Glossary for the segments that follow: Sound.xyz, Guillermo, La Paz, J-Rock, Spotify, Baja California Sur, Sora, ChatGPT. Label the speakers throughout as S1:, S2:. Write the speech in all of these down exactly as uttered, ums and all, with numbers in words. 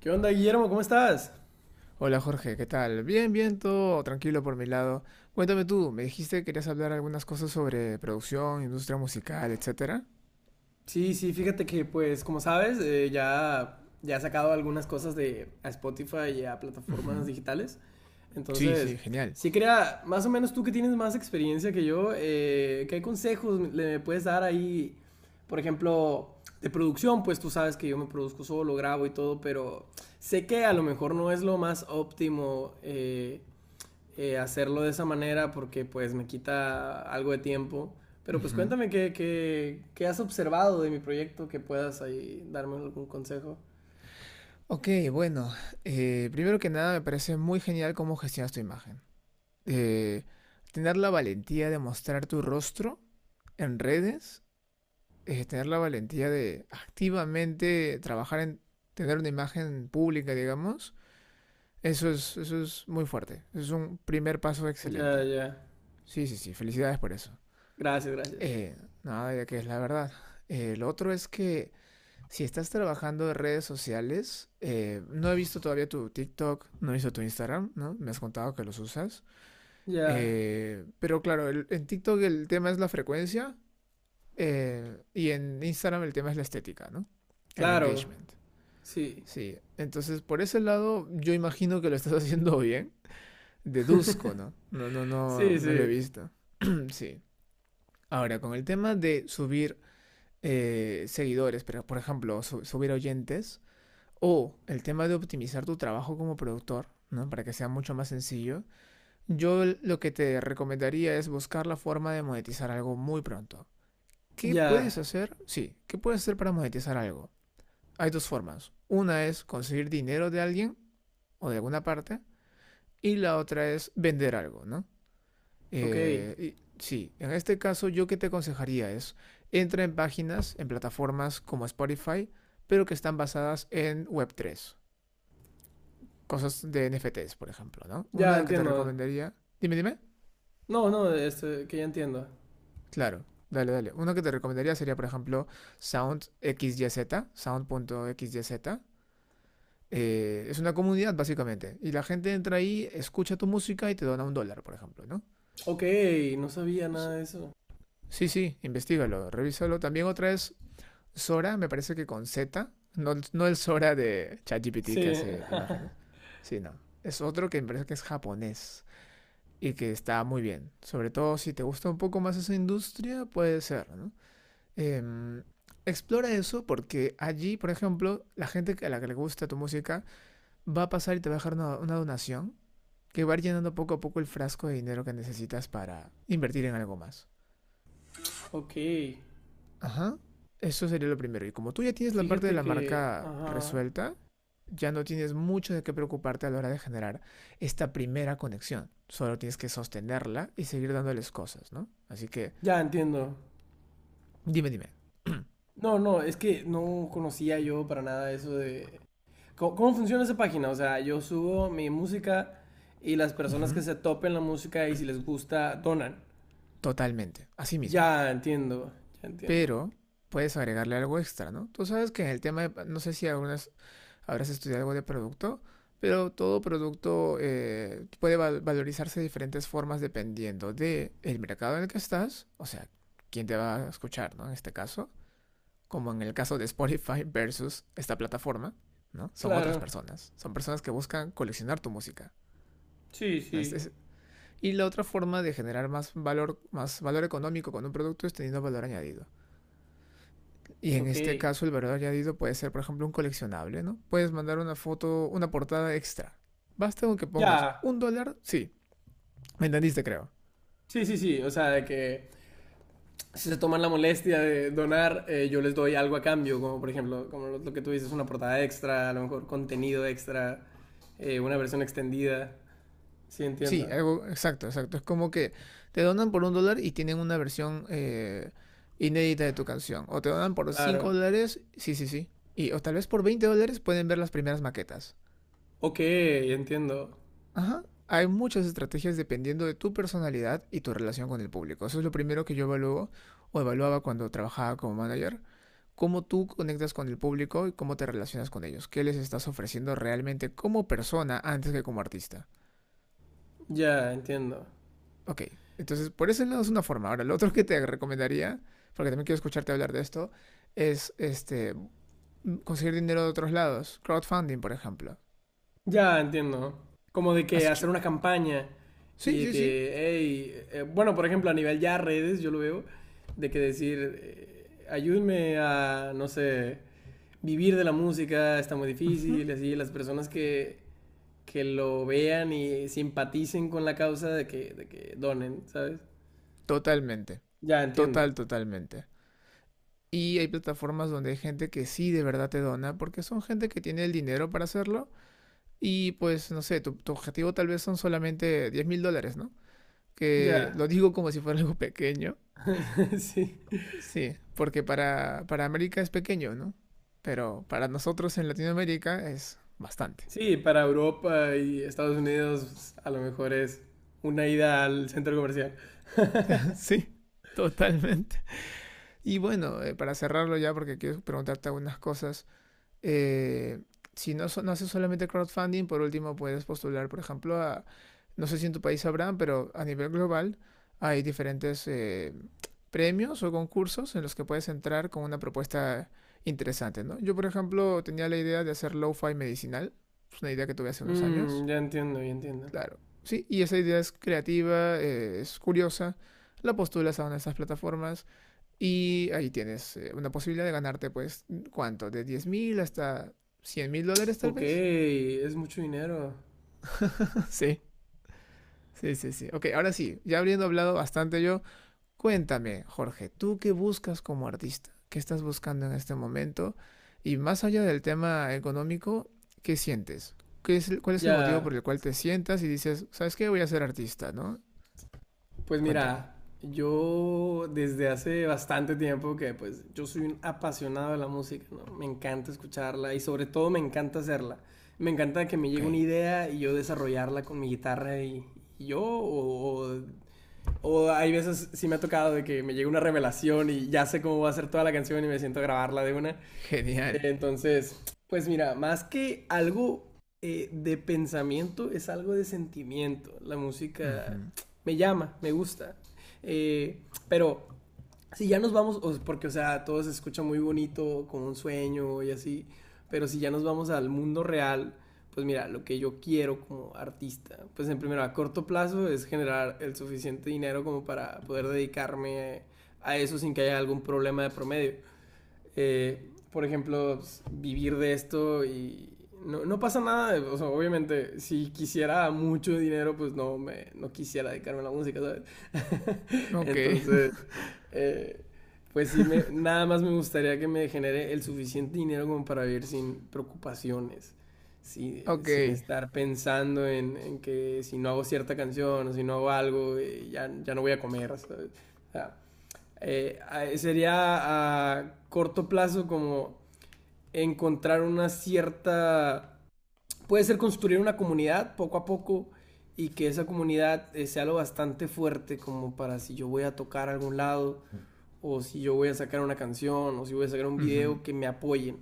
S1: ¿Qué onda, Guillermo? ¿Cómo estás?
S2: Hola Jorge, ¿qué tal? Bien, bien, todo tranquilo por mi lado. Cuéntame tú, me dijiste que querías hablar algunas cosas sobre producción, industria musical, etcétera.
S1: Sí, sí, fíjate que, pues, como sabes, eh, ya, ya he sacado algunas cosas de a Spotify y a plataformas
S2: Ujú.
S1: digitales.
S2: Sí,
S1: Entonces,
S2: sí, genial.
S1: sí quería, más o menos tú que tienes más experiencia que yo, eh, ¿qué consejos le puedes dar ahí? Por ejemplo, de producción, pues tú sabes que yo me produzco solo, grabo y todo, pero sé que a lo mejor no es lo más óptimo. Eh, eh, hacerlo de esa manera porque pues me quita algo de tiempo. Pero pues
S2: Ujú.
S1: cuéntame qué, qué, qué has observado de mi proyecto, que puedas ahí darme algún consejo.
S2: Ok, bueno, eh, primero que nada me parece muy genial cómo gestionas tu imagen. Eh, Tener la valentía de mostrar tu rostro en redes, eh, tener la valentía de activamente trabajar en tener una imagen pública, digamos. Eso es, eso es muy fuerte. Es un primer paso
S1: Ya,
S2: excelente.
S1: ya.
S2: Sí, sí, sí. Felicidades por eso.
S1: Gracias, gracias.
S2: Eh, Nada, ya que es la verdad. Eh, lo otro es que si estás trabajando en redes sociales, eh, no he visto todavía tu TikTok, no he visto tu Instagram, ¿no? Me has contado que los usas.
S1: Ya.
S2: Eh, pero claro, el- en TikTok el tema es la frecuencia eh, y en Instagram el tema es la estética, ¿no? El
S1: Claro.
S2: engagement.
S1: Sí.
S2: Sí, entonces por ese lado yo imagino que lo estás haciendo bien. Deduzco, ¿no? No, no,
S1: Sí,
S2: no, no lo he
S1: sí.
S2: visto. sí. Ahora, con el tema de subir eh, seguidores, pero por ejemplo, su- subir oyentes, o el tema de optimizar tu trabajo como productor, ¿no? Para que sea mucho más sencillo, yo lo que te recomendaría es buscar la forma de monetizar algo muy pronto. ¿Qué puedes
S1: Ya.
S2: hacer? Sí, ¿qué puedes hacer para monetizar algo? Hay dos formas. Una es conseguir dinero de alguien o de alguna parte, y la otra es vender algo, ¿no?
S1: Ok.
S2: Eh, y- sí, en este caso yo que te aconsejaría es, entra en páginas, en plataformas como Spotify, pero que están basadas en web tres, cosas de N F Ts, por ejemplo, ¿no?
S1: Ya
S2: Una que te
S1: entiendo.
S2: recomendaría, dime, dime,
S1: No, no, este, que ya entiendo.
S2: claro, dale, dale, una que te recomendaría sería, por ejemplo, Sound SoundXYZ, Sound.xyz. Eh, es una comunidad, básicamente, y la gente entra ahí, escucha tu música y te dona un dólar, por ejemplo, ¿no?
S1: Ok, no sabía
S2: Es-
S1: nada de eso.
S2: Sí, sí, investigalo, revísalo. También otra es Sora, me parece que con Z, no, no el Sora de ChatGPT
S1: Sí.
S2: que hace imágenes, sino es otro que me parece que es japonés y que está muy bien. Sobre todo si te gusta un poco más esa industria, puede ser, ¿no? Em, Explora eso porque allí, por ejemplo, la gente a la que le gusta tu música va a pasar y te va a dejar una, una donación que va a ir llenando poco a poco el frasco de dinero que necesitas para invertir en algo más.
S1: Ok.
S2: Ajá, eso sería lo primero. Y como tú ya tienes la parte de
S1: Fíjate
S2: la
S1: que...
S2: marca
S1: Ajá.
S2: resuelta, ya no tienes mucho de qué preocuparte a la hora de generar esta primera conexión. Solo tienes que sostenerla y seguir dándoles cosas, ¿no? Así que,
S1: Ya entiendo.
S2: dime, dime.
S1: No, no, es que no conocía yo para nada eso de... ¿Cómo, cómo funciona esa página? O sea, yo subo mi música y las personas que
S2: Ujú.
S1: se topen la música y si les gusta, donan.
S2: Totalmente, así mismo.
S1: Ya entiendo, ya entiendo.
S2: Pero puedes agregarle algo extra, ¿no? Tú sabes que en el tema de, no sé si algunas habrás estudiado algo de producto, pero todo producto eh, puede val- valorizarse de diferentes formas dependiendo de el mercado en el que estás, o sea, quién te va a escuchar, ¿no? En este caso, como en el caso de Spotify versus esta plataforma, ¿no? Son otras
S1: Claro,
S2: personas, son personas que buscan coleccionar tu música.
S1: sí,
S2: Es-
S1: sí,
S2: es- Y la otra forma de generar más valor, más valor económico con un producto es teniendo valor añadido. Y en
S1: ok.
S2: este caso el valor añadido puede ser, por ejemplo, un coleccionable, ¿no? Puedes mandar una foto, una portada extra. Basta con que pongas
S1: Ya,
S2: un dólar, sí, me entendiste creo.
S1: sí, sí, sí, o sea, de que si se toman la molestia de donar, eh, yo les doy algo a cambio, como por ejemplo, como lo, lo que tú dices, una portada extra, a lo mejor contenido extra, eh, una versión extendida. Sí,
S2: Sí,
S1: entiendo,
S2: algo exacto, exacto. Es como que te donan por un dólar y tienen una versión eh, inédita de tu canción. O te donan por cinco
S1: claro.
S2: dólares, sí, sí, sí. Y, o tal vez por veinte dólares pueden ver las primeras maquetas.
S1: Ok, entiendo.
S2: Ajá. Hay muchas estrategias dependiendo de tu personalidad y tu relación con el público. Eso es lo primero que yo evalúo o evaluaba cuando trabajaba como manager. Cómo tú conectas con el público y cómo te relacionas con ellos. ¿Qué les estás ofreciendo realmente como persona antes que como artista?
S1: Ya, entiendo.
S2: Ok, entonces por ese lado es una forma. Ahora, lo otro que te recomendaría, porque también quiero escucharte hablar de esto, es este, conseguir dinero de otros lados. Crowdfunding, por ejemplo.
S1: Ya, entiendo. Como de
S2: ¿Has
S1: que
S2: hecho?
S1: hacer una campaña y
S2: Sí,
S1: de
S2: sí, sí.
S1: que, hey, eh, bueno, por ejemplo, a nivel ya redes, yo lo veo, de que decir, eh, ayúdenme a, no sé, vivir de la música, está muy
S2: Ujú.
S1: difícil, así, las personas que, que lo vean y simpaticen con la causa de que, de que donen, ¿sabes?
S2: Totalmente.
S1: Ya, entiendo.
S2: Total, totalmente. Y hay plataformas donde hay gente que sí de verdad te dona, porque son gente que tiene el dinero para hacerlo. Y pues, no sé, tu, tu objetivo tal vez son solamente diez mil dólares, ¿no? Que
S1: Ya.
S2: lo digo como si fuera algo pequeño.
S1: Sí.
S2: Sí, porque para, para América es pequeño, ¿no? Pero para nosotros en Latinoamérica es bastante.
S1: Sí, para Europa y Estados Unidos a lo mejor es una ida al centro comercial.
S2: Sí, totalmente. Y bueno, eh, para cerrarlo ya, porque quiero preguntarte algunas cosas. Eh, si no, so- no haces solamente crowdfunding, por último puedes postular, por ejemplo, a, no sé si en tu país habrán, pero a nivel global hay diferentes eh, premios o concursos en los que puedes entrar con una propuesta interesante, ¿no? Yo, por ejemplo, tenía la idea de hacer lo-fi medicinal, es una idea que tuve hace unos años,
S1: Mm, ya entiendo, ya entiendo.
S2: claro, sí, y esa idea es creativa, eh, es curiosa, la postulas a una de estas plataformas y ahí tienes eh, una posibilidad de ganarte, pues, ¿cuánto? De diez mil hasta cien mil dólares, tal
S1: Ok,
S2: vez.
S1: es mucho dinero.
S2: Sí, sí, sí, sí. Ok, ahora sí, ya habiendo hablado bastante yo, cuéntame, Jorge, ¿tú qué buscas como artista? ¿Qué estás buscando en este momento? Y más allá del tema económico, ¿qué sientes? ¿Qué es el- ¿Cuál es el motivo
S1: Ya,
S2: por el cual te sientas y dices, ¿sabes qué? Voy a ser artista, ¿no?
S1: pues
S2: Cuéntame.
S1: mira, yo desde hace bastante tiempo que pues yo soy un apasionado de la música, ¿no? Me encanta escucharla y sobre todo me encanta hacerla. Me encanta que me
S2: Ok,
S1: llegue una idea y yo desarrollarla con mi guitarra y, y yo o, o, o hay veces sí me ha tocado de que me llega una revelación y ya sé cómo va a ser toda la canción y me siento a grabarla de una.
S2: genial.
S1: Entonces, pues mira, más que algo eh, de pensamiento, es algo de sentimiento. La música
S2: Ujú.
S1: me llama, me gusta. Eh, pero si ya nos vamos, o- porque o sea, todo se escucha muy bonito, como un sueño y así, pero si ya nos vamos al mundo real, pues mira, lo que yo quiero como artista, pues en primero a corto plazo es generar el suficiente dinero como para poder dedicarme a eso sin que haya algún problema de promedio eh, por ejemplo, vivir de esto y no, no pasa nada. O sea, obviamente, si quisiera mucho dinero, pues no, me, no quisiera dedicarme a la música, ¿sabes?
S2: Ok,
S1: Entonces, eh, pues sí, me, nada más me gustaría que me genere el suficiente dinero como para vivir sin preocupaciones. Sí,
S2: ok.
S1: sin estar pensando en, en que si no hago cierta canción o si no hago algo, eh, ya, ya no voy a comer, ¿sabes? O sea, eh, sería a corto plazo como encontrar una cierta... Puede ser construir una comunidad poco a poco y que esa comunidad eh, sea lo bastante fuerte como para si yo voy a tocar a algún lado o si yo voy a sacar una canción o si voy a sacar un
S2: Ujú,
S1: video que me apoyen.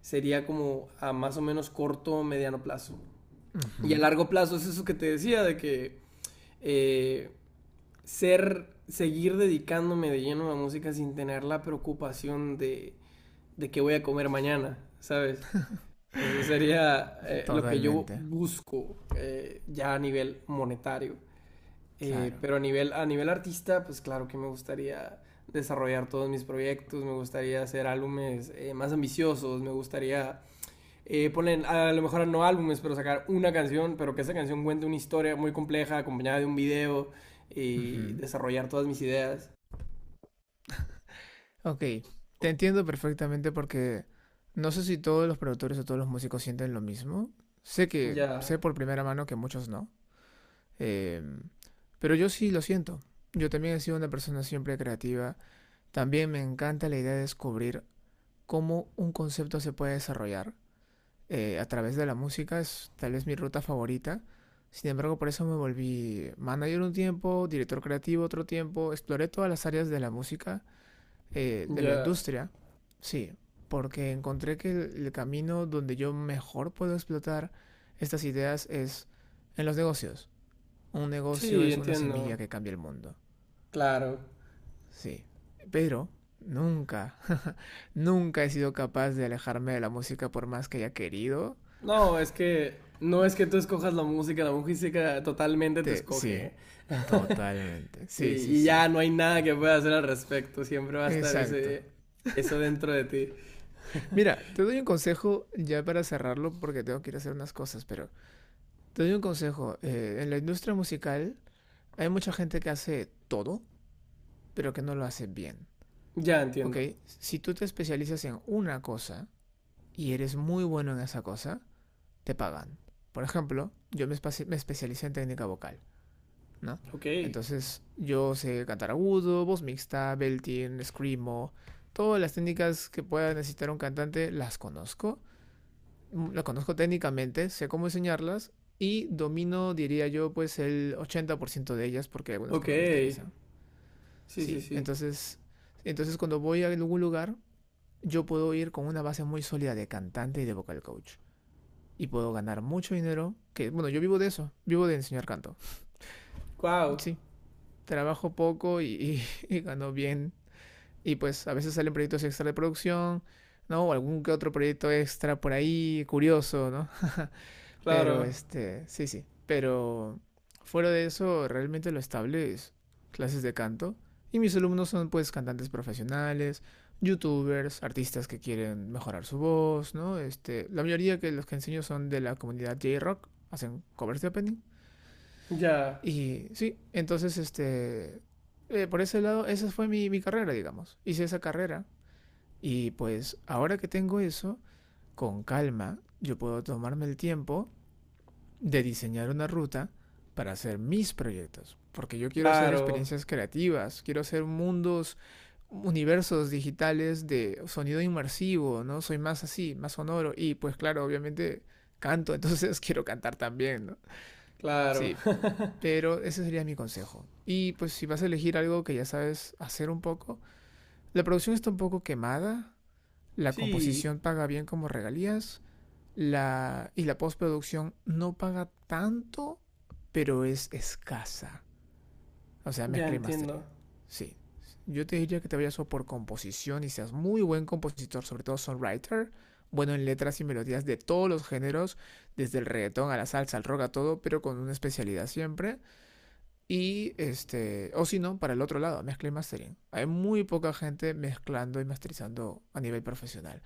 S1: Sería como a más o menos corto o mediano plazo. Y a
S2: ujú.
S1: largo plazo es eso que te decía de que eh, ser, seguir dedicándome de lleno a la música sin tener la preocupación de, de qué voy a comer mañana, ¿sabes? Entonces sería eh, lo que yo
S2: Totalmente,
S1: busco eh, ya a nivel monetario. Eh,
S2: claro.
S1: pero a nivel, a nivel artista, pues claro que me gustaría desarrollar todos mis proyectos, me gustaría hacer álbumes eh, más ambiciosos, me gustaría eh, ponen a lo mejor no álbumes, pero sacar una canción, pero que esa canción cuente una historia muy compleja acompañada de un video y
S2: Ujú.
S1: desarrollar todas mis ideas.
S2: Ok, te entiendo perfectamente porque no sé si todos los productores o todos los músicos sienten lo mismo. Sé que, sé
S1: Ya,
S2: por primera mano que muchos no. Em, pero yo sí lo siento. Yo también he sido una persona siempre creativa. También me encanta la idea de descubrir cómo un concepto se puede desarrollar. Eh, a través de la música, es tal vez mi ruta favorita. Sin embargo, por eso me volví manager un tiempo, director creativo otro tiempo, exploré todas las áreas de la música, eh, de la
S1: ya.
S2: industria, sí, porque encontré que el, el camino donde yo mejor puedo explotar estas ideas es en los negocios. Un negocio
S1: Sí,
S2: es una
S1: entiendo.
S2: semilla que cambia el mundo,
S1: Claro.
S2: sí. Pero nunca, nunca he sido capaz de alejarme de la música por más que haya querido.
S1: No, es que no es que tú escojas la música, la música totalmente te
S2: Te- sí,
S1: escoge.
S2: totalmente.
S1: Sí,
S2: Sí, sí,
S1: y
S2: sí.
S1: ya no hay nada que pueda hacer al respecto, siempre va a estar
S2: Exacto.
S1: ese, eso dentro de ti.
S2: Mira, te doy un consejo ya para cerrarlo porque tengo que ir a hacer unas cosas, pero te doy un consejo. Eh, en la industria musical hay mucha gente que hace todo, pero que no lo hace bien.
S1: Ya
S2: ¿Ok?
S1: entiendo.
S2: Si tú te especializas en una cosa y eres muy bueno en esa cosa, te pagan. Por ejemplo, yo me, espe- me especialicé en técnica vocal. ¿No?
S1: Ok,
S2: Entonces, yo sé cantar agudo, voz mixta, belting, screamo, todas las técnicas que pueda necesitar un cantante las conozco, mm, las conozco técnicamente, sé cómo enseñarlas y domino, diría yo, pues el ochenta por ciento de ellas porque hay algunas
S1: ok.
S2: que no me interesan.
S1: Sí, sí,
S2: Sí,
S1: sí.
S2: entonces, entonces cuando voy a algún lugar, yo puedo ir con una base muy sólida de cantante y de vocal coach. Y puedo ganar mucho dinero, que bueno, yo vivo de eso, vivo de enseñar canto.
S1: Wow.
S2: Sí, trabajo poco y, y, y gano bien. Y pues a veces salen proyectos extra de producción, ¿no? O algún que otro proyecto extra por ahí, curioso, ¿no? Pero
S1: Claro,
S2: este, sí, sí. Pero fuera de eso, realmente lo estable es clases de canto. Y mis alumnos son pues cantantes profesionales, youtubers, artistas que quieren mejorar su voz, ¿no? Este, la mayoría que los que enseño son de la comunidad J-Rock, hacen covers de opening.
S1: ya,
S2: Y sí, entonces, este, eh, por ese lado, esa fue mi, mi carrera, digamos. Hice esa carrera y pues ahora que tengo eso, con calma, yo puedo tomarme el tiempo de diseñar una ruta para hacer mis proyectos. Porque yo quiero hacer
S1: claro,
S2: experiencias creativas, quiero hacer mundos, universos digitales de sonido inmersivo, ¿no? Soy más así, más sonoro. Y pues claro, obviamente canto, entonces quiero cantar también, ¿no?
S1: claro.
S2: Sí, pero ese sería mi consejo. Y pues si vas a elegir algo que ya sabes hacer un poco, la producción está un poco quemada, la
S1: Sí,
S2: composición paga bien como regalías, la y la postproducción no paga tanto, pero es escasa. O sea,
S1: ya
S2: mezcla y
S1: entiendo.
S2: mastering. Sí. Yo te diría que te vayas o por composición y seas muy buen compositor, sobre todo songwriter, bueno en letras y melodías de todos los géneros, desde el reggaetón a la salsa, al rock, a todo, pero con una especialidad siempre. Y este, o si no, para el otro lado, mezcla y mastering. Hay muy poca gente mezclando y masterizando a nivel profesional.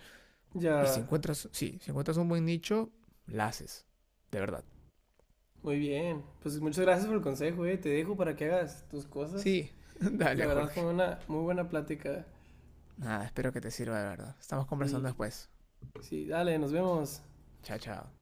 S2: Y si
S1: Ya,
S2: encuentras, sí, si encuentras un buen nicho, la haces. De verdad.
S1: muy bien. Pues muchas gracias por el consejo, eh. Te dejo para que hagas tus cosas.
S2: Sí,
S1: La
S2: dale,
S1: verdad fue
S2: Jorge.
S1: una muy buena plática.
S2: Nada, espero que te sirva de verdad. Estamos conversando
S1: Sí,
S2: después.
S1: sí, dale, nos vemos.
S2: Chao, chao.